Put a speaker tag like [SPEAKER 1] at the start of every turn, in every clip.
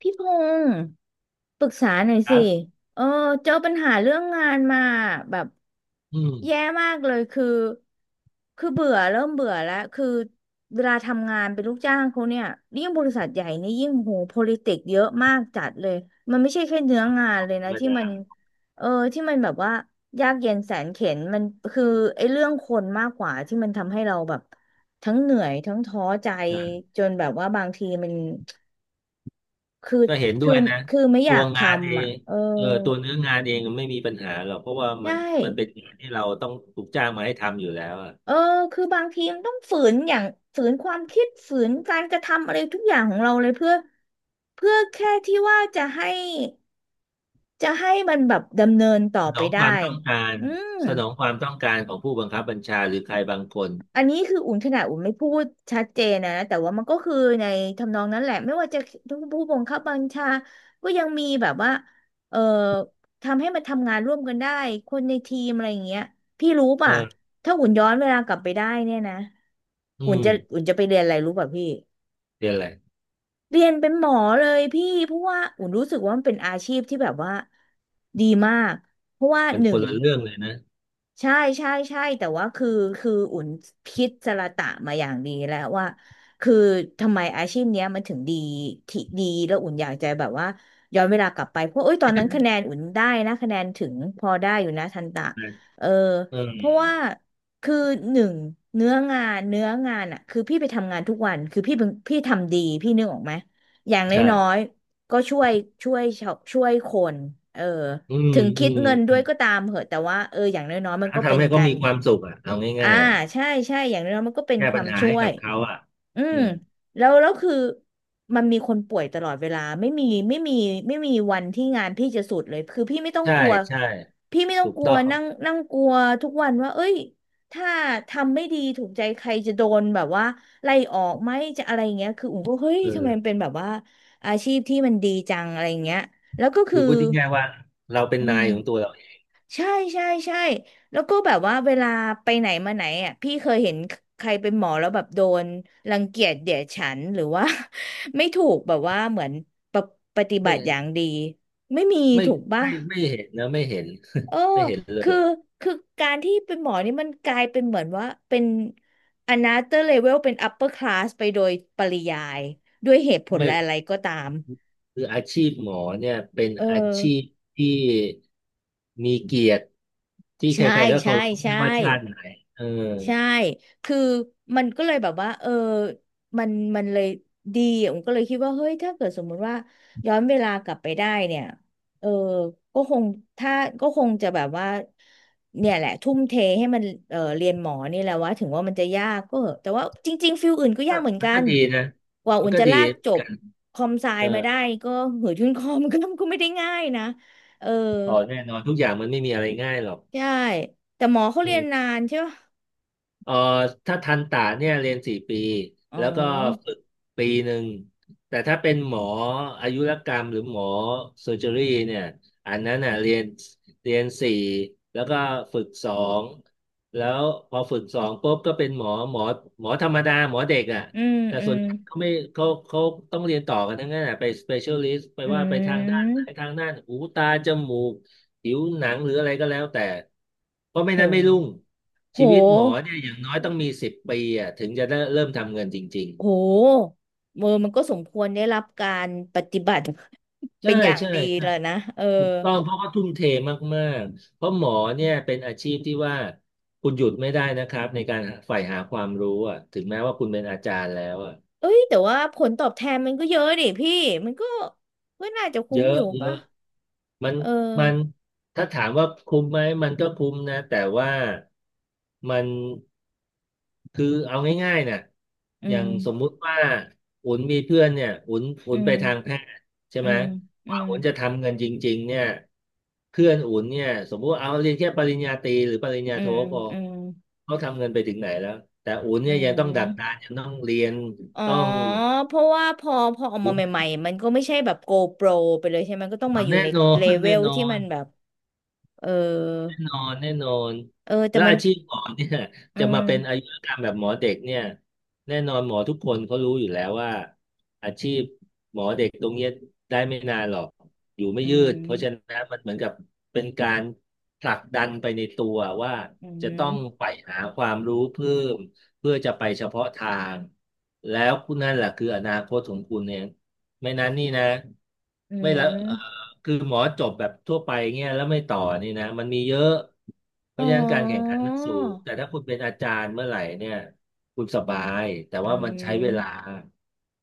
[SPEAKER 1] พี่พงศ์ปรึกษาหน่อย
[SPEAKER 2] ค
[SPEAKER 1] สิ
[SPEAKER 2] รับ
[SPEAKER 1] เออเจอปัญหาเรื่องงานมาแบบ
[SPEAKER 2] อื
[SPEAKER 1] แย่
[SPEAKER 2] ม
[SPEAKER 1] มากเลยคือเบื่อเริ่มเบื่อแล้วคือเวลาทำงานเป็นลูกจ้างเขาเนี่ยยิ่งบริษัทใหญ่นี่ยิ่งโห politics เยอะมากจัดเลยมันไม่ใช่แค่เนื้องาน
[SPEAKER 2] ธร
[SPEAKER 1] เลยนะ
[SPEAKER 2] รม
[SPEAKER 1] ที่
[SPEAKER 2] ดา
[SPEAKER 1] มันเออที่มันแบบว่ายากเย็นแสนเข็ญมันคือไอ้เรื่องคนมากกว่าที่มันทำให้เราแบบทั้งเหนื่อยทั้งท้อใจ
[SPEAKER 2] อ่า
[SPEAKER 1] จนแบบว่าบางทีมัน คือ
[SPEAKER 2] ก็เห็นด้
[SPEAKER 1] คือ
[SPEAKER 2] วยนะ
[SPEAKER 1] คือไม่อ
[SPEAKER 2] ตั
[SPEAKER 1] ยา
[SPEAKER 2] ว
[SPEAKER 1] กท
[SPEAKER 2] งานเอ
[SPEAKER 1] ำอ่ะ
[SPEAKER 2] ง
[SPEAKER 1] เออ
[SPEAKER 2] เออตัวเนื้องานเองไม่มีปัญหาหรอกเพราะว่า
[SPEAKER 1] ใช
[SPEAKER 2] มันเป็
[SPEAKER 1] ่
[SPEAKER 2] นงานที่เราต้องถูกจ้างมาให้ทำอยู่แล้วอะ
[SPEAKER 1] เออคือบางทีมันต้องฝืนอย่างฝืนความคิดฝืนการกระทำอะไรทุกอย่างของเราเลยเพื่อแค่ที่ว่าจะให้มันแบบดำเนินต่อ
[SPEAKER 2] สน
[SPEAKER 1] ไป
[SPEAKER 2] องค
[SPEAKER 1] ได้
[SPEAKER 2] วามต้องการ
[SPEAKER 1] อืม
[SPEAKER 2] สนองความต้องการของผู้บังคับบัญชาหรือใครบางคน
[SPEAKER 1] อันนี้คืออุ่นขนาดอุ่นไม่พูดชัดเจนนะแต่ว่ามันก็คือในทำนองนั้นแหละไม่ว่าจะผู้บังคับบัญชาก็ยังมีแบบว่าเอ่อทำให้มันทำงานร่วมกันได้คนในทีมอะไรอย่างเงี้ยพี่รู้
[SPEAKER 2] เอ
[SPEAKER 1] ป่ะ
[SPEAKER 2] อ
[SPEAKER 1] ถ้าอุ่นย้อนเวลากลับไปได้เนี่ยนะ
[SPEAKER 2] อื
[SPEAKER 1] อุ่น
[SPEAKER 2] ม
[SPEAKER 1] จะอุ่นจะไปเรียนอะไรรู้ป่ะพี่
[SPEAKER 2] เรียนอะไร
[SPEAKER 1] เรียนเป็นหมอเลยพี่เพราะว่าอุ่นรู้สึกว่ามันเป็นอาชีพที่แบบว่าดีมากเพราะว่า
[SPEAKER 2] มัน
[SPEAKER 1] ห
[SPEAKER 2] ค
[SPEAKER 1] นึ่
[SPEAKER 2] น
[SPEAKER 1] ง
[SPEAKER 2] ละเรื่องเลยนะ
[SPEAKER 1] ใช่ใช่ใช่แต่ว่าคืออุ่นพิจารณามาอย่างดีแล้วว่าคือทำไมอาชีพเนี้ยมันถึงดีที่ดีแล้วอุ่นอยากจะแบบว่าย้อนเวลากลับไปเพราะเอ้ยตอนนั้นคะแนนอุ่นได้นะคะแนนถึงพอได้อยู่นะทันตะเออ
[SPEAKER 2] เอ
[SPEAKER 1] เพราะ
[SPEAKER 2] อ
[SPEAKER 1] ว่าคือหนึ่งเนื้องานอ่ะคือพี่ไปทำงานทุกวันคือพี่เป็นพี่ทำดีพี่นึกออกไหมอย่างน
[SPEAKER 2] ใช่
[SPEAKER 1] ้อยๆก็ช่วยช่วยชาวช่วยคนเออ
[SPEAKER 2] อืม
[SPEAKER 1] ถึง
[SPEAKER 2] อื
[SPEAKER 1] คิดเงินด้วย
[SPEAKER 2] ม
[SPEAKER 1] ก็ตามเหอะแต่ว่าเอออย่างน้อยๆมัน
[SPEAKER 2] ถ้า
[SPEAKER 1] ก็เป็
[SPEAKER 2] ทำ
[SPEAKER 1] น
[SPEAKER 2] ให้เขา
[SPEAKER 1] กัน
[SPEAKER 2] มีความสุขอ่ะเอา
[SPEAKER 1] อ่า
[SPEAKER 2] ง่ายๆอ่ะ
[SPEAKER 1] ใช่ใช่อย่างน้อยๆมันก็เป็น
[SPEAKER 2] แก้
[SPEAKER 1] ค
[SPEAKER 2] ปั
[SPEAKER 1] วา
[SPEAKER 2] ญ
[SPEAKER 1] ม
[SPEAKER 2] หา
[SPEAKER 1] ช่
[SPEAKER 2] ให้
[SPEAKER 1] ว
[SPEAKER 2] กั
[SPEAKER 1] ย
[SPEAKER 2] บเขาอ่ะ
[SPEAKER 1] อื
[SPEAKER 2] อื
[SPEAKER 1] ม
[SPEAKER 2] ม
[SPEAKER 1] แล้วคือมันมีคนป่วยตลอดเวลาไม่มีไม่มีวันที่งานพี่จะสุดเลยคือพี่ไม่ต้อง
[SPEAKER 2] ใช่
[SPEAKER 1] กลัว
[SPEAKER 2] ใช่
[SPEAKER 1] พี่ไม่ต้อ
[SPEAKER 2] ถู
[SPEAKER 1] ง
[SPEAKER 2] ก
[SPEAKER 1] กลั
[SPEAKER 2] ต้
[SPEAKER 1] ว
[SPEAKER 2] อง
[SPEAKER 1] นั่งนั่งกลัวทุกวันว่าเอ้ยถ้าทำไม่ดีถูกใจใครจะโดนแบบว่าไล่ออกไหมจะอะไรอย่างเงี้ยคืออุ๋มก็เฮ้ย
[SPEAKER 2] เอ
[SPEAKER 1] ทำไม
[SPEAKER 2] อ
[SPEAKER 1] มันเป็นแบบว่าอาชีพที่มันดีจังอะไรอย่างเงี้ยแล้วก็คื
[SPEAKER 2] คื
[SPEAKER 1] อ
[SPEAKER 2] อพูดง่ายๆว่าเราเป็น
[SPEAKER 1] อื
[SPEAKER 2] นา
[SPEAKER 1] ม
[SPEAKER 2] ยของตัวเราเอง
[SPEAKER 1] ใช่ใช่ใช่แล้วก็แบบว่าเวลาไปไหนมาไหนอ่ะพี่เคยเห็นใครเป็นหมอแล้วแบบโดนรังเกียจเดียดฉันหรือว่า ไม่ถูกแบบว่าเหมือนปะปฏิบัติอย่างดีไม่มี
[SPEAKER 2] ไม่
[SPEAKER 1] ถูกป่ะ
[SPEAKER 2] ไม่เห็นนะไม่เห็น
[SPEAKER 1] เออ
[SPEAKER 2] ไม่เห็น
[SPEAKER 1] คื
[SPEAKER 2] เล
[SPEAKER 1] อ
[SPEAKER 2] ย
[SPEAKER 1] คือการที่เป็นหมอนี่มันกลายเป็นเหมือนว่าเป็น another level เป็น upper class ไปโดยปริยายด้วยเหตุผล
[SPEAKER 2] ไม่
[SPEAKER 1] อะไรก็ตาม
[SPEAKER 2] คืออาชีพหมอเนี่ยเป็น
[SPEAKER 1] เออ
[SPEAKER 2] อาชีพที่มีเกียรติที่ใค
[SPEAKER 1] ใช่
[SPEAKER 2] รๆก็
[SPEAKER 1] ใช่
[SPEAKER 2] เคารพ
[SPEAKER 1] ใช่
[SPEAKER 2] ไม่ว่าชาติไหนเออ
[SPEAKER 1] ใช่ คือมันก็เลยแบบว่าเออมันมันเลยดีอะผมก็เลยคิดว่าเฮ้ยถ้าเกิดสมมุติว่าย้อนเวลากลับไปได้เนี่ยเออก็คงถ้าก็คงจะแบบว่าเนี่ยแหละทุ่มเทให้มันเออเรียนหมอนี่แหละว่าถึงว่ามันจะยากก็เหอะแต่ว่าจริงๆฟิลอื่นก็
[SPEAKER 2] ก็
[SPEAKER 1] ยากเหมือน
[SPEAKER 2] มัน
[SPEAKER 1] กั
[SPEAKER 2] ก็
[SPEAKER 1] น
[SPEAKER 2] ดีนะ
[SPEAKER 1] กว่า
[SPEAKER 2] มั
[SPEAKER 1] อุ่
[SPEAKER 2] น
[SPEAKER 1] น
[SPEAKER 2] ก็
[SPEAKER 1] จะ
[SPEAKER 2] ดี
[SPEAKER 1] ลากจบ
[SPEAKER 2] กัน
[SPEAKER 1] คอมไซ
[SPEAKER 2] เออ
[SPEAKER 1] มาได้ก็เหือยุ่นคอมก็ไม่ได้ง่ายนะเออ
[SPEAKER 2] ต่อแน่นอนทุกอย่างมันไม่มีอะไรง่ายหรอก
[SPEAKER 1] ใช่แต่หมอเขา
[SPEAKER 2] เอ
[SPEAKER 1] เรียน
[SPEAKER 2] อ
[SPEAKER 1] นานใช่ปะ
[SPEAKER 2] เอ่อถ้าทันตะเนี่ยเรียนสี่ปี
[SPEAKER 1] อ๋
[SPEAKER 2] แล้วก็
[SPEAKER 1] อ
[SPEAKER 2] ฝึก1 ปีแต่ถ้าเป็นหมออายุรกรรมหรือหมอเซอร์เจอรี่เนี่ยอันนั้นน่ะเรียนสี่แล้วก็ฝึกสองแล้วพอฝึกสองปุ๊บก็เป็นหมอธรรมดาหมอเด็กอ่ะ
[SPEAKER 1] อืม
[SPEAKER 2] แต่
[SPEAKER 1] อื
[SPEAKER 2] ส่ว
[SPEAKER 1] ม
[SPEAKER 2] นใหญ่เขาต้องเรียนต่อกันทั้งนั้นน่ะไปสเปเชียลิสต์ไป
[SPEAKER 1] อื
[SPEAKER 2] ว่าไปทางด้านไหน
[SPEAKER 1] ม
[SPEAKER 2] ทางด้านหูตาจมูก ผิวหนังหรืออะไรก็แล้วแต่เพราะไม่
[SPEAKER 1] โ
[SPEAKER 2] นั้นไม่รุ่ง
[SPEAKER 1] หโ
[SPEAKER 2] ชีวิตหมอ
[SPEAKER 1] ห
[SPEAKER 2] เนี่ยอย่างน้อยต้องมีสิบปีอ่ะถึงจะได้เริ่มทำเงินจริง
[SPEAKER 1] โหเออมันก็สมควรได้รับการปฏิบัติ
[SPEAKER 2] ๆ ใช่
[SPEAKER 1] เป็นอย่าง
[SPEAKER 2] ใช่
[SPEAKER 1] ดี
[SPEAKER 2] ใช่
[SPEAKER 1] เลยนะเออ
[SPEAKER 2] ถูกต้องเพราะเขาทุ่มเทมากๆเพราะหมอเนี่ยเป็นอาชีพที่ว่าคุณหยุดไม่ได้นะครับในการใฝ่หาความรู้อ่ะถึงแม้ว่าคุณเป็นอาจารย์แล้วอ่ะ
[SPEAKER 1] เอ้ยแต่ว่าผลตอบแทนมันก็เยอะดิพี่มันก็ก็น่าจะ
[SPEAKER 2] เย
[SPEAKER 1] คุ้ม
[SPEAKER 2] อะ
[SPEAKER 1] อยู่
[SPEAKER 2] เย
[SPEAKER 1] ป่ะ
[SPEAKER 2] อะ มัน
[SPEAKER 1] เออ
[SPEAKER 2] มันถ้าถามว่าคุ้มไหมมันก็คุ้มนะแต่ว่ามันคือเอาง่ายๆนะ
[SPEAKER 1] อื
[SPEAKER 2] อย่า
[SPEAKER 1] ม
[SPEAKER 2] งสมมุติว่าอุ่นมีเพื่อนเนี่ยอุ่นอุ่
[SPEAKER 1] อื
[SPEAKER 2] นไป
[SPEAKER 1] ม
[SPEAKER 2] ทางแพทย์ใช่
[SPEAKER 1] อื
[SPEAKER 2] ไหม
[SPEAKER 1] ม
[SPEAKER 2] ก
[SPEAKER 1] อื
[SPEAKER 2] ว่า
[SPEAKER 1] ม
[SPEAKER 2] อุ่นจะทำเงินจริงๆเนี่ยเพื่อนอุ่นเนี่ยสมมุติเอาเรียนแค่ปริญญาตรีหรือปริญญา
[SPEAKER 1] อื
[SPEAKER 2] โท
[SPEAKER 1] ม
[SPEAKER 2] พอ
[SPEAKER 1] อืม
[SPEAKER 2] เขาทำเงินไปถึงไหนแล้วแต่อุ่น
[SPEAKER 1] อื
[SPEAKER 2] เนี่ยยังต้องดักดาน
[SPEAKER 1] ม
[SPEAKER 2] ยังต้องเรียน
[SPEAKER 1] อ๋อ
[SPEAKER 2] ต้อง
[SPEAKER 1] เพราะว่าพอพอออกมา
[SPEAKER 2] อุ
[SPEAKER 1] ใหม่ๆมันก็ไม่ใช่แบบ GoPro ไปเลยใช่ไหมก็ต้อง
[SPEAKER 2] ่
[SPEAKER 1] มา
[SPEAKER 2] น
[SPEAKER 1] อยู่
[SPEAKER 2] แน่
[SPEAKER 1] ใน
[SPEAKER 2] นอ
[SPEAKER 1] เล
[SPEAKER 2] น
[SPEAKER 1] เว
[SPEAKER 2] แน่
[SPEAKER 1] ล
[SPEAKER 2] นอ
[SPEAKER 1] ที่มั
[SPEAKER 2] น
[SPEAKER 1] นแบบเออ
[SPEAKER 2] แน่นอนแน่นอน
[SPEAKER 1] เออแต่
[SPEAKER 2] แล้ว
[SPEAKER 1] มัน
[SPEAKER 2] อาชีพหมอเนี่ย
[SPEAKER 1] อื
[SPEAKER 2] จะมาเป็นอา
[SPEAKER 1] ม
[SPEAKER 2] ยุรกรรมแบบหมอเด็กเนี่ยแน่นอนหมอทุกคนเขารู้อยู่แล้วว่าอาชีพหมอเด็กตรงเนี้ยได้ไม่นานหรอกอยู่ไม่
[SPEAKER 1] อื
[SPEAKER 2] ยืดเพราะฉะ
[SPEAKER 1] ม
[SPEAKER 2] นั้นมันเหมือนกับเป็นการผลักดันไปในตัวว่า
[SPEAKER 1] อื
[SPEAKER 2] จะต้อง
[SPEAKER 1] ม
[SPEAKER 2] ใฝ่หาความรู้เพิ่มเพื่อจะไปเฉพาะทางแล้วคุณนั่นแหละคืออนาคตของคุณเนี่ยไม่นั้นนี่นะ
[SPEAKER 1] อื
[SPEAKER 2] ไม่ละเออ
[SPEAKER 1] ม
[SPEAKER 2] คือหมอจบแบบทั่วไปเงี้ยแล้วไม่ต่อนี่นะมันมีเยอะเพ
[SPEAKER 1] อ๋อ
[SPEAKER 2] ราะฉะนั้นการแข่งขันมันสูงแต่ถ้าคุณเป็นอาจารย์เมื่อไหร่เนี่ยคุณสบายแต่
[SPEAKER 1] อื
[SPEAKER 2] ว่ามันใช้เวลา
[SPEAKER 1] ม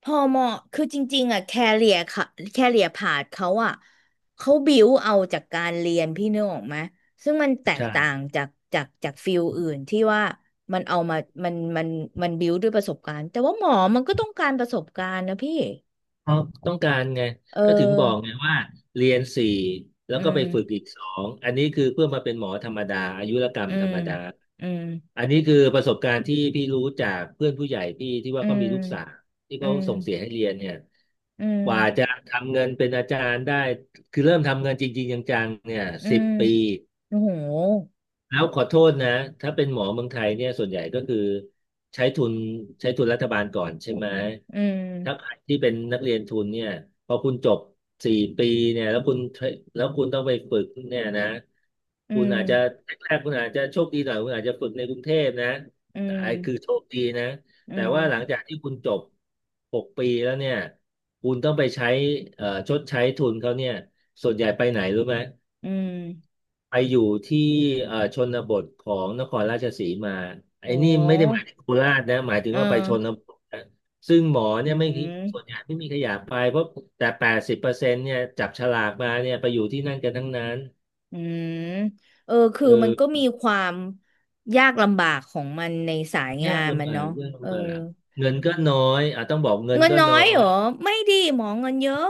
[SPEAKER 1] พอเหมาะคือจริงๆอ่ะแคเรียค่ะแคเรียพาธเขาอ่ะเขาบิวเอาจากการเรียนพี่นึกออกไหมซึ่งมันแตก
[SPEAKER 2] ใช่
[SPEAKER 1] ต่างจากฟิลอื่นที่ว่ามันเอามามันมันบิวด้วยประสบการณ์แต่ว่าหมอมันก็ต้องการประสบการณ์นะพี่
[SPEAKER 2] เพราะต้องการไง
[SPEAKER 1] เอ
[SPEAKER 2] ก็ถึงบอก
[SPEAKER 1] อ
[SPEAKER 2] ไงว่าเรียนสี่แล้
[SPEAKER 1] อื
[SPEAKER 2] วก็ไปฝึก
[SPEAKER 1] ม
[SPEAKER 2] อีกสองอันนี้คือเพื่อมาเป็นหมอธรรมดาอายุรกรร
[SPEAKER 1] อื
[SPEAKER 2] มธร
[SPEAKER 1] ม
[SPEAKER 2] รมดา
[SPEAKER 1] อืม
[SPEAKER 2] อันนี้คือประสบการณ์ที่พี่รู้จากเพื่อนผู้ใหญ่พี่ที่ว่า
[SPEAKER 1] อื
[SPEAKER 2] เขา
[SPEAKER 1] ม
[SPEAKER 2] มีลูกสาวที่
[SPEAKER 1] อื
[SPEAKER 2] เขา
[SPEAKER 1] ม
[SPEAKER 2] ส่งเสียให้เรียนเนี่ย
[SPEAKER 1] อื
[SPEAKER 2] ก
[SPEAKER 1] ม
[SPEAKER 2] ว่าจะทำเงินเป็นอาจารย์ได้คือเริ่มทำเงินจริงๆจังๆเนี่ย
[SPEAKER 1] อื
[SPEAKER 2] สิบ
[SPEAKER 1] ม
[SPEAKER 2] ปี
[SPEAKER 1] โอ้โห
[SPEAKER 2] แล้วขอโทษนะถ้าเป็นหมอเมืองไทยเนี่ยส่วนใหญ่ก็คือใช้ทุนใช้ทุนรัฐบาลก่อนใช่ไหม
[SPEAKER 1] อื
[SPEAKER 2] ถ้าใค
[SPEAKER 1] ม
[SPEAKER 2] รที่เป็นนักเรียนทุนเนี่ยพอคุณจบสี่ปีเนี่ยแล้วคุณต้องไปฝึกเนี่ยนะ
[SPEAKER 1] อื
[SPEAKER 2] คุณ
[SPEAKER 1] ม
[SPEAKER 2] อาจจะแรกๆคุณอาจจะโชคดีหน่อยคุณอาจจะฝึกในกรุงเทพนะ
[SPEAKER 1] อื
[SPEAKER 2] แต่ไอ้คือโช
[SPEAKER 1] ม
[SPEAKER 2] คดีนะ
[SPEAKER 1] อื
[SPEAKER 2] แต่
[SPEAKER 1] ม
[SPEAKER 2] ว่าหลังจากที่คุณจบ6 ปีแล้วเนี่ยคุณต้องไปใช้ชดใช้ทุนเขาเนี่ยส่วนใหญ่ไปไหนรู้ไหม
[SPEAKER 1] อืม
[SPEAKER 2] ไปอยู่ที่ชนบทของนครราชสีมาไอ้
[SPEAKER 1] โอ
[SPEAKER 2] นี่ไม่ได้หมา
[SPEAKER 1] ้
[SPEAKER 2] ยถึงโคราชนะหมายถึง
[SPEAKER 1] เออ
[SPEAKER 2] ว่าไปชนบทนะซึ่งหมอ
[SPEAKER 1] อื
[SPEAKER 2] เนี่ยไม่มีส่วนให
[SPEAKER 1] ม
[SPEAKER 2] ญ่ไม่มีขยะไปเพราะแต่80%เนี่ยจับฉลากมาเนี่ยไปอยู่ที่นั่นกันทั้งนั้น
[SPEAKER 1] อืมเออ
[SPEAKER 2] เ
[SPEAKER 1] คือมันก็
[SPEAKER 2] อ
[SPEAKER 1] มีความยากลำบากของมันในสาย
[SPEAKER 2] อ
[SPEAKER 1] งา
[SPEAKER 2] ยาก
[SPEAKER 1] นมั
[SPEAKER 2] ลำ
[SPEAKER 1] น
[SPEAKER 2] บาก
[SPEAKER 1] เนาะ
[SPEAKER 2] เรื่อง
[SPEAKER 1] เออ
[SPEAKER 2] ลำบากเงินก็น้อยอ่ะต้องบอกเงิน
[SPEAKER 1] เงิน
[SPEAKER 2] ก็
[SPEAKER 1] น้อ
[SPEAKER 2] น้อ
[SPEAKER 1] ยเหร
[SPEAKER 2] ย
[SPEAKER 1] อไม่ดีหมอเงินเยอะ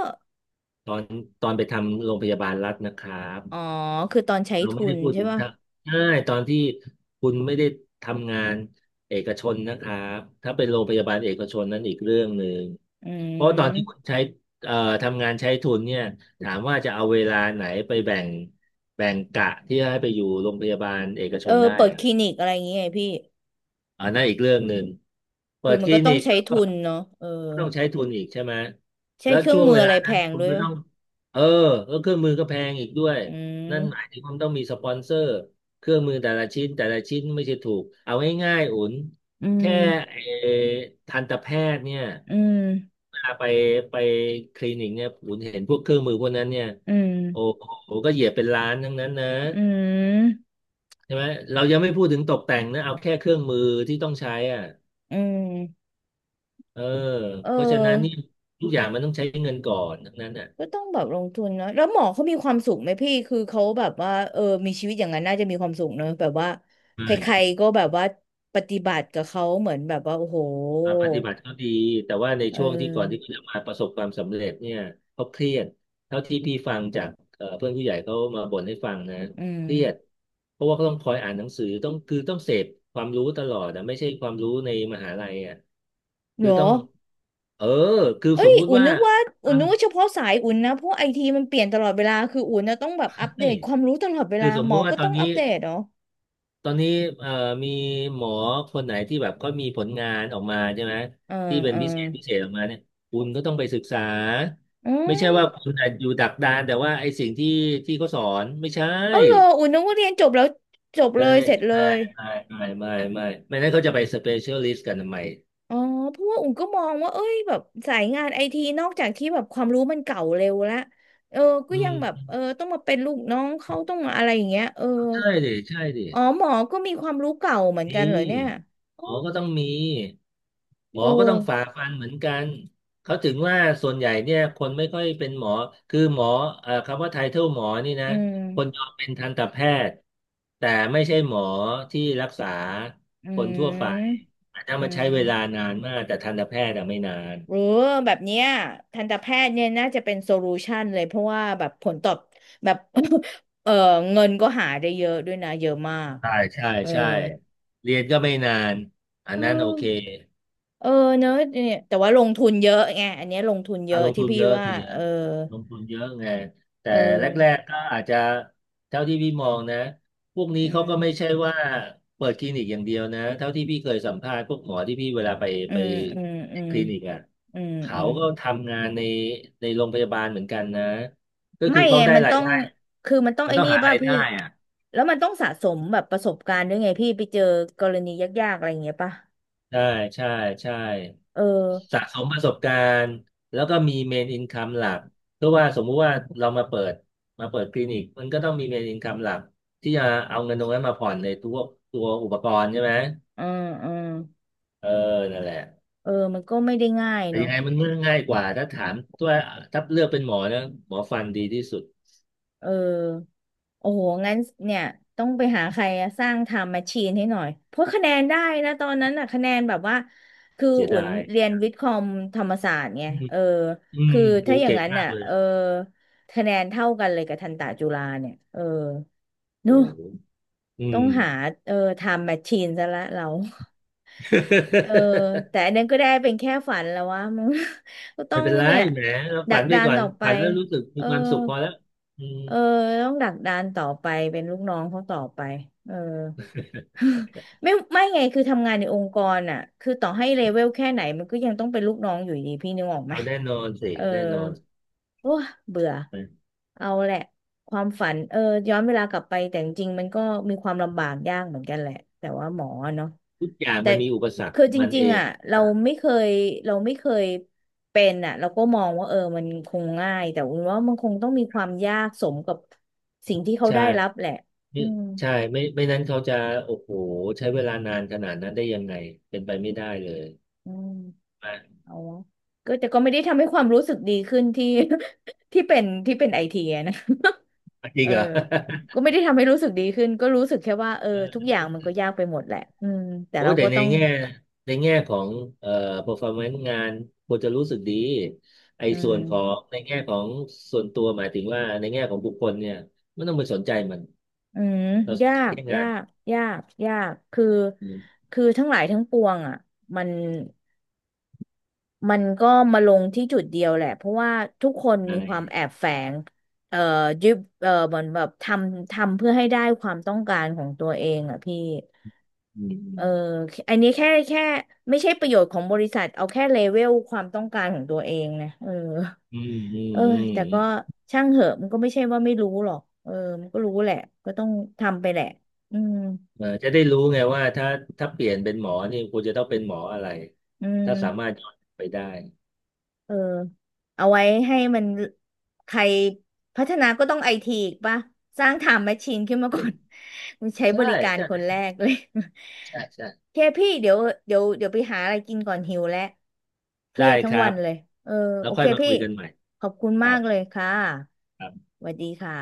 [SPEAKER 2] ตอนไปทำโรงพยาบาลรัฐนะครับ
[SPEAKER 1] อ๋อคือตอนใช้
[SPEAKER 2] เรา
[SPEAKER 1] ทุ
[SPEAKER 2] ไม่
[SPEAKER 1] น
[SPEAKER 2] ได้พูด
[SPEAKER 1] ใช่
[SPEAKER 2] ถึง
[SPEAKER 1] ป่ะ
[SPEAKER 2] ทางใช่ตอนที่คุณไม่ได้ทำงานเอกชนนะครับถ้าเป็นโรงพยาบาลเอกชนนั้นอีกเรื่องหนึ่ง
[SPEAKER 1] อื
[SPEAKER 2] เพราะตอนที่คุณ
[SPEAKER 1] ม
[SPEAKER 2] ใช้เอ่อทำงานใช้ทุนเนี่ยถามว่าจะเอาเวลาไหนไปแบ่งกะที่ให้ไปอยู่โรงพยาบาลเอกช
[SPEAKER 1] เออ
[SPEAKER 2] นได้
[SPEAKER 1] เปิด
[SPEAKER 2] อะ
[SPEAKER 1] คลินิกอะไรอย่างเงี้ยไงพี่
[SPEAKER 2] อันนั้นอีกเรื่องหนึ่งเปิ
[SPEAKER 1] คือ
[SPEAKER 2] ด
[SPEAKER 1] มั
[SPEAKER 2] ค
[SPEAKER 1] น
[SPEAKER 2] ลิ
[SPEAKER 1] ก็ต้อ
[SPEAKER 2] นิ
[SPEAKER 1] ง
[SPEAKER 2] ก
[SPEAKER 1] ใช้ทุนเนาะเออ
[SPEAKER 2] ต้องใช้ทุนอีกใช่ไหม
[SPEAKER 1] ใช้
[SPEAKER 2] แล้ว
[SPEAKER 1] เครื่อง
[SPEAKER 2] ช่วง
[SPEAKER 1] มือ
[SPEAKER 2] เว
[SPEAKER 1] อะ
[SPEAKER 2] ลา
[SPEAKER 1] ไรแพ
[SPEAKER 2] นั้น
[SPEAKER 1] ง
[SPEAKER 2] คุณ
[SPEAKER 1] ด้วย
[SPEAKER 2] ก็
[SPEAKER 1] ป่ะ
[SPEAKER 2] ต้องเออแล้วเครื่องมือก็แพงอีกด้วย
[SPEAKER 1] อื
[SPEAKER 2] นั่นหมาย
[SPEAKER 1] ม
[SPEAKER 2] ถึงคุณต้องมีสปอนเซอร์เครื่องมือแต่ละชิ้นแต่ละชิ้นไม่ใช่ถูกเอาง่ายๆอุ่น
[SPEAKER 1] อื
[SPEAKER 2] แค่
[SPEAKER 1] ม
[SPEAKER 2] ไอ้ทันตแพทย์เนี่ย
[SPEAKER 1] อืม
[SPEAKER 2] เวลาไปคลินิกเนี่ยอุ่นเห็นพวกเครื่องมือพวกนั้นเนี่ย
[SPEAKER 1] อืม
[SPEAKER 2] โอ้โหก็เหยียบเป็นล้านทั้งนั้นนะ
[SPEAKER 1] อืม
[SPEAKER 2] ใช่ไหมเรายังไม่พูดถึงตกแต่งนะเอาแค่เครื่องมือที่ต้องใช้อ่ะ
[SPEAKER 1] อืม
[SPEAKER 2] เออ
[SPEAKER 1] เ
[SPEAKER 2] เพราะฉะนั้นนี่
[SPEAKER 1] ออ
[SPEAKER 2] ทุกอย่างมันต้องใช้เงินก่อนทั้งนั้นอ่ะ
[SPEAKER 1] ก็ต้องแบบลงทุนเนอะแล้วหมอเขามีความสุขไหมพี่คือเขาแบบว่าเออมีชีวิตอย่างนั้นน่าจะมีความสุขเนอะแบบว่าใคร
[SPEAKER 2] ใช่
[SPEAKER 1] ๆก็แบบว่าปฏิบัติกับเขาเหมือนแบบว่าโอ้โห
[SPEAKER 2] อ่าปฏิบัติก็ดีแต่ว่าใน
[SPEAKER 1] เ
[SPEAKER 2] ช่วงที่ก่อนที่
[SPEAKER 1] ออ
[SPEAKER 2] เขาจะมาประสบความสำเร็จเนี่ยเขาเครียดเท่าที่พี่ฟังจากเพื่อนผู้ใหญ่เขามาบ่นให้ฟังนะ
[SPEAKER 1] อืม
[SPEAKER 2] เครียดเพราะว่าเขาต้องคอยอ่านหนังสือต้องคือต้องเสพความรู้ตลอดนะไม่ใช่ความรู้ในมหาลัยอ่ะ
[SPEAKER 1] เหร
[SPEAKER 2] คือ
[SPEAKER 1] อ
[SPEAKER 2] ต้องเออคือ
[SPEAKER 1] เอ้
[SPEAKER 2] ส
[SPEAKER 1] ย
[SPEAKER 2] มมุติ
[SPEAKER 1] อุ่น
[SPEAKER 2] ว่า
[SPEAKER 1] นึกว่า
[SPEAKER 2] ฟัง
[SPEAKER 1] เฉพาะสายอุ่นนะเพราะไอทีมันเปลี่ยนตลอดเวลาคืออุ่นนะต้องแบบอัปเด
[SPEAKER 2] ใช่
[SPEAKER 1] ตความรู้ตลอดเว
[SPEAKER 2] คื
[SPEAKER 1] ลา
[SPEAKER 2] อสม
[SPEAKER 1] หม
[SPEAKER 2] มุ
[SPEAKER 1] อ
[SPEAKER 2] ติว่า
[SPEAKER 1] ก็
[SPEAKER 2] ตอ
[SPEAKER 1] ต้อ
[SPEAKER 2] น
[SPEAKER 1] ง
[SPEAKER 2] นี้
[SPEAKER 1] อัปเดตเนาะ
[SPEAKER 2] ตอนนี้เอ่อมีหมอคนไหนที่แบบก็มีผลงานออกมาใช่ไหม
[SPEAKER 1] เอ่า
[SPEAKER 2] ที่เป็น
[SPEAKER 1] อ่า
[SPEAKER 2] พิเศษออกมาเนี่ยคุณก็ต้องไปศึกษา
[SPEAKER 1] อื
[SPEAKER 2] ไม่ใช่ว่า
[SPEAKER 1] ม
[SPEAKER 2] คุณอาจอยู่ดักดานแต่ว่าไอ้สิ่งที่เขาสอนไม่ใช่
[SPEAKER 1] เอาเหรออุ่นนึกว่าเรียนจบแล้วจบ
[SPEAKER 2] เล
[SPEAKER 1] เลย
[SPEAKER 2] ย
[SPEAKER 1] เสร็จเลย
[SPEAKER 2] ไม่ไม่ไม่ไม่ไม่ไม่ไม่นั้นเขาจะไปสเปเชียลิสต์กันทำไม
[SPEAKER 1] อ๋อเพราะว่าอุ่นก็มองว่าเอ้ยแบบสายงานไอทีนอกจากที่แบบความรู้มันเก่าเร็วละเออก็
[SPEAKER 2] อื
[SPEAKER 1] ยังแบบ
[SPEAKER 2] ม
[SPEAKER 1] เออต้องมาเป็นลูกน้องเขาต้องมาอะไรอย่างเงี้ยเออ
[SPEAKER 2] ใช่ดิใช่ดิ
[SPEAKER 1] อ๋อหมอก็มีความรู้เก่าเหมือนกัน
[SPEAKER 2] มี
[SPEAKER 1] เหรอเนี่ยอ๋
[SPEAKER 2] ห
[SPEAKER 1] อ
[SPEAKER 2] มอก็ต้องมีหม
[SPEAKER 1] โอ
[SPEAKER 2] อก็ต้องฝ่า
[SPEAKER 1] ้
[SPEAKER 2] ฟันเหมือนกันเขาถึงว่าส่วนใหญ่เนี่ยคนไม่ค่อยเป็นหมอคือหมอคำว่าไทเทิลหมอนี่นะ
[SPEAKER 1] อื
[SPEAKER 2] คนย
[SPEAKER 1] ม
[SPEAKER 2] อมเป็นทันตแพทย์แต่ไม่ใช่หมอที่รักษา
[SPEAKER 1] อื
[SPEAKER 2] คนทั่วไป
[SPEAKER 1] ม
[SPEAKER 2] อาจจะ
[SPEAKER 1] อื
[SPEAKER 2] มาใช้
[SPEAKER 1] ม
[SPEAKER 2] เวลานานมากแต่ทันตแพทย์อะไม่นาน
[SPEAKER 1] เออแบบเนี้ยทันตแพทย์เนี่ยน่าจะเป็นโซลูชันเลยเพราะว่าแบบผลตอบแบบ เออเงินก็หาได้เยอะด้วยนะเยอะมาก
[SPEAKER 2] ใช่ใช่
[SPEAKER 1] เออ
[SPEAKER 2] ใช่เรียนก็ไม่นานอั
[SPEAKER 1] เอ
[SPEAKER 2] น
[SPEAKER 1] อ
[SPEAKER 2] นั้นโอเค
[SPEAKER 1] เออเนอะเนี่ยแต่ว่าลงทุนเยอะไงอันเนี้ยลงทุนเย
[SPEAKER 2] อ่ะ
[SPEAKER 1] อะ
[SPEAKER 2] ลง
[SPEAKER 1] ที่
[SPEAKER 2] ทุน
[SPEAKER 1] พี่
[SPEAKER 2] เยอะ
[SPEAKER 1] ว่า
[SPEAKER 2] สิ
[SPEAKER 1] เอ
[SPEAKER 2] ฮะ
[SPEAKER 1] อ
[SPEAKER 2] ลงทุนเยอะไงแต่
[SPEAKER 1] เออ
[SPEAKER 2] แรกๆก็อาจจะเท่าที่พี่มองนะพวกนี้
[SPEAKER 1] อื
[SPEAKER 2] เขาก็
[SPEAKER 1] ม
[SPEAKER 2] ไม่ใช่ว่าเปิดคลินิกอย่างเดียวนะเท่าที่พี่เคยสัมภาษณ์พวกหมอที่พี่เวลาไป
[SPEAKER 1] อื
[SPEAKER 2] ไป
[SPEAKER 1] มอืมอืม
[SPEAKER 2] คลินิกอ่ะ
[SPEAKER 1] อืม
[SPEAKER 2] เขา
[SPEAKER 1] อืม
[SPEAKER 2] ก็ทำงานในโรงพยาบาลเหมือนกันนะก็คื
[SPEAKER 1] ไม่
[SPEAKER 2] อเขา
[SPEAKER 1] ไง
[SPEAKER 2] ได้
[SPEAKER 1] มัน
[SPEAKER 2] รา
[SPEAKER 1] ต้
[SPEAKER 2] ย
[SPEAKER 1] อง
[SPEAKER 2] ได้
[SPEAKER 1] คือมันต้อง
[SPEAKER 2] มัน
[SPEAKER 1] ไอ้
[SPEAKER 2] ต้อง
[SPEAKER 1] นี่
[SPEAKER 2] หา
[SPEAKER 1] ป่ะ
[SPEAKER 2] ราย
[SPEAKER 1] พี่
[SPEAKER 2] ได้อ่ะ
[SPEAKER 1] แล้วมันต้องสะสมแบบประสบการณ์ด้วยไงพี่ไปเจอกรณียากๆอะไรอย่างเงี้ยป่ะ
[SPEAKER 2] ใช่ใช่ใช่
[SPEAKER 1] เออ
[SPEAKER 2] สะสมประสบการณ์แล้วก็มีเมนอินคัมหลักเพราะว่าสมมุติว่าเรามาเปิดคลินิกมันก็ต้องมีเมนอินคัมหลักที่จะเอาเงินตรงนั้นมาผ่อนในตัวอุปกรณ์ใช่ไหม
[SPEAKER 1] อืมอืม
[SPEAKER 2] เออนั่นแหละ
[SPEAKER 1] เออมันก็ไม่ได้ง่าย
[SPEAKER 2] แต่
[SPEAKER 1] เนาะ
[SPEAKER 2] ยังไงมันก็ง่ายกว่าถ้าถามตัวถ้าเลือกเป็นหมอนะหมอฟันดีที่สุด
[SPEAKER 1] เออ โอ้โหงั้นเนี่ยต้องไปหาใครอะสร้างไทม์แมชชีนให้หน่อยเพราะคะแนนได้นะตอนนั้นอะคะแนนแบบว่าคือ
[SPEAKER 2] เสีย
[SPEAKER 1] อุ่
[SPEAKER 2] ดา
[SPEAKER 1] น
[SPEAKER 2] ย
[SPEAKER 1] เรียนวิทย์คอมธรรมศาสตร์ไง
[SPEAKER 2] อืม
[SPEAKER 1] เออ
[SPEAKER 2] อืม
[SPEAKER 1] คือ
[SPEAKER 2] โอ้
[SPEAKER 1] ถ้าอย่าง
[SPEAKER 2] เก่ง
[SPEAKER 1] นั้น
[SPEAKER 2] มาก
[SPEAKER 1] อะ
[SPEAKER 2] เลย
[SPEAKER 1] เออคะแนนเท่ากันเลยกับทันตะจุฬาเนี่ยเออเน
[SPEAKER 2] โอ้
[SPEAKER 1] อะ
[SPEAKER 2] โหอื
[SPEAKER 1] ต้อง
[SPEAKER 2] ม
[SPEAKER 1] หาเออไทม์แมชชีนซะละเรา เออ แต่อันนั้นก็ได้เป็นแค่ฝันแล้ววะมัน ก็ต้อ
[SPEAKER 2] ไม่
[SPEAKER 1] ง
[SPEAKER 2] เป็นไร
[SPEAKER 1] เนี่ย
[SPEAKER 2] แหมเรา
[SPEAKER 1] ดั
[SPEAKER 2] ฝั
[SPEAKER 1] ก
[SPEAKER 2] นไป
[SPEAKER 1] ดาน
[SPEAKER 2] ก่อน
[SPEAKER 1] ต่อไป
[SPEAKER 2] ฝันแล้วรู้สึก
[SPEAKER 1] เอ
[SPEAKER 2] มี
[SPEAKER 1] อ
[SPEAKER 2] ความสุขพอแล้วอืม
[SPEAKER 1] เออต้องดักดานต่อไปเป็นลูกน้องเขาต่อไปเออ ไม่ไงคือทำงานในองค์กรอ่ะคือต่อให้เลเวลแค่ไหนมันก็ยังต้องเป็นลูกน้องอยู่ดีพี่นึกออกไหม
[SPEAKER 2] เอาแน่นอนสิ
[SPEAKER 1] เออ
[SPEAKER 2] แน่นอน
[SPEAKER 1] โอ้เบื่อ
[SPEAKER 2] นะ
[SPEAKER 1] เอาแหละ ความฝันเออย้อนเวลากลับไปแต่จริงๆมันก็มีความลำบากยากเหมือนกันแหละ แต่ว่าหมอเนาะ
[SPEAKER 2] ทุกอย่าง
[SPEAKER 1] แต่
[SPEAKER 2] มันมีอุปสรรค
[SPEAKER 1] คือจ
[SPEAKER 2] มัน
[SPEAKER 1] ริ
[SPEAKER 2] เอ
[SPEAKER 1] งๆ
[SPEAKER 2] ง
[SPEAKER 1] อ่ะเรา
[SPEAKER 2] นะ
[SPEAKER 1] ไม่เคยเราไม่เคยเป็นอ่ะเราก็มองว่าเออมันคงง่ายแต่อุ่นว่ามันคงต้องมีความยากสมกับสิ่งที่เขา
[SPEAKER 2] ใช่
[SPEAKER 1] ได้รับแหละ
[SPEAKER 2] ไม่
[SPEAKER 1] อืม
[SPEAKER 2] ใช่ไม่นั้นเขาจะโอ้โหใช้เวลานานขนาดนั้นได้ยังไงเป็นไปไม่ได้เลย
[SPEAKER 1] อืม
[SPEAKER 2] อ่ะ
[SPEAKER 1] เอาวะก็แต่ก็ไม่ได้ทำให้ความรู้สึกดีขึ้นที่ ที่เป็นไอทีนะ
[SPEAKER 2] จริ
[SPEAKER 1] เอ
[SPEAKER 2] ง
[SPEAKER 1] อ
[SPEAKER 2] เหรอ
[SPEAKER 1] ก็ไม่ได้ทำให้รู้สึกดีขึ้นก็รู้สึกแค่ว่าเออทุกอ ย่างมันก็ยากไปหมดแหละอืมแต่
[SPEAKER 2] โอ้
[SPEAKER 1] เรา
[SPEAKER 2] ยแต่
[SPEAKER 1] ก็
[SPEAKER 2] ใน
[SPEAKER 1] ต้อง
[SPEAKER 2] แง่ในแง่ของเอ่อ performance งานควรจะรู้สึกดีไอ้
[SPEAKER 1] อื
[SPEAKER 2] ส่วนของ
[SPEAKER 1] ม
[SPEAKER 2] ในแง่ของส่วนตัวหมายถึงว่าในแง่ของบุคคลเนี่ยไม่ต้องไปสนใจมัน
[SPEAKER 1] อืม
[SPEAKER 2] เราส
[SPEAKER 1] ยา
[SPEAKER 2] นใจ
[SPEAKER 1] ก
[SPEAKER 2] แค่
[SPEAKER 1] ยา
[SPEAKER 2] งาน
[SPEAKER 1] กคือ
[SPEAKER 2] อืม
[SPEAKER 1] ทั้งหลายทั้งปวงอ่ะมันก็มาลงที่จุดเดียวแหละเพราะว่าทุกคน
[SPEAKER 2] ใช่
[SPEAKER 1] มีความแอบแฝงเอ่อยึดเหมือนแบบทำเพื่อให้ได้ความต้องการของตัวเองอ่ะพี่
[SPEAKER 2] อื
[SPEAKER 1] เออ
[SPEAKER 2] ม
[SPEAKER 1] อันนี้แค่ไม่ใช่ประโยชน์ของบริษัทเอาแค่เลเวลความต้องการของตัวเองนะเออ
[SPEAKER 2] อืมอืม
[SPEAKER 1] เออ
[SPEAKER 2] อืม
[SPEAKER 1] แต่ก็ช่างเหอะมันก็ไม่ใช่ว่าไม่รู้หรอกเออมันก็รู้แหละก็ต้องทำไปแหละอืม
[SPEAKER 2] เออจะได้รู้ไงว่าถ้าเปลี่ยนเป็นหมอนี่คุณจะต้องเป็นหมออะไร
[SPEAKER 1] อื
[SPEAKER 2] ถ้า
[SPEAKER 1] ม
[SPEAKER 2] สามารถย้อนไปได้
[SPEAKER 1] เออเอาไว้ให้มันใครพัฒนาก็ต้องไอทีอีกป่ะสร้างไทม์แมชชีนขึ้นมาก่อน
[SPEAKER 2] ใช่
[SPEAKER 1] มันใช้บ
[SPEAKER 2] ใช่
[SPEAKER 1] ริการ
[SPEAKER 2] ใช่
[SPEAKER 1] คนแรกเลย
[SPEAKER 2] ใช่
[SPEAKER 1] เคพี่เดี๋ยวเดี๋ยวไปหาอะไรกินก่อนหิวแล้วเครี
[SPEAKER 2] ได้
[SPEAKER 1] ยด
[SPEAKER 2] ค
[SPEAKER 1] ทั้ง
[SPEAKER 2] รั
[SPEAKER 1] วั
[SPEAKER 2] บ
[SPEAKER 1] นเลยเออ
[SPEAKER 2] แล้
[SPEAKER 1] โอ
[SPEAKER 2] วค่
[SPEAKER 1] เค
[SPEAKER 2] อยมา
[SPEAKER 1] พี่
[SPEAKER 2] คุยกันใหม่
[SPEAKER 1] ขอบคุณ
[SPEAKER 2] ค
[SPEAKER 1] มา
[SPEAKER 2] รั
[SPEAKER 1] กเล
[SPEAKER 2] บ
[SPEAKER 1] ยค่ะ
[SPEAKER 2] ครับ
[SPEAKER 1] สวัสดีค่ะ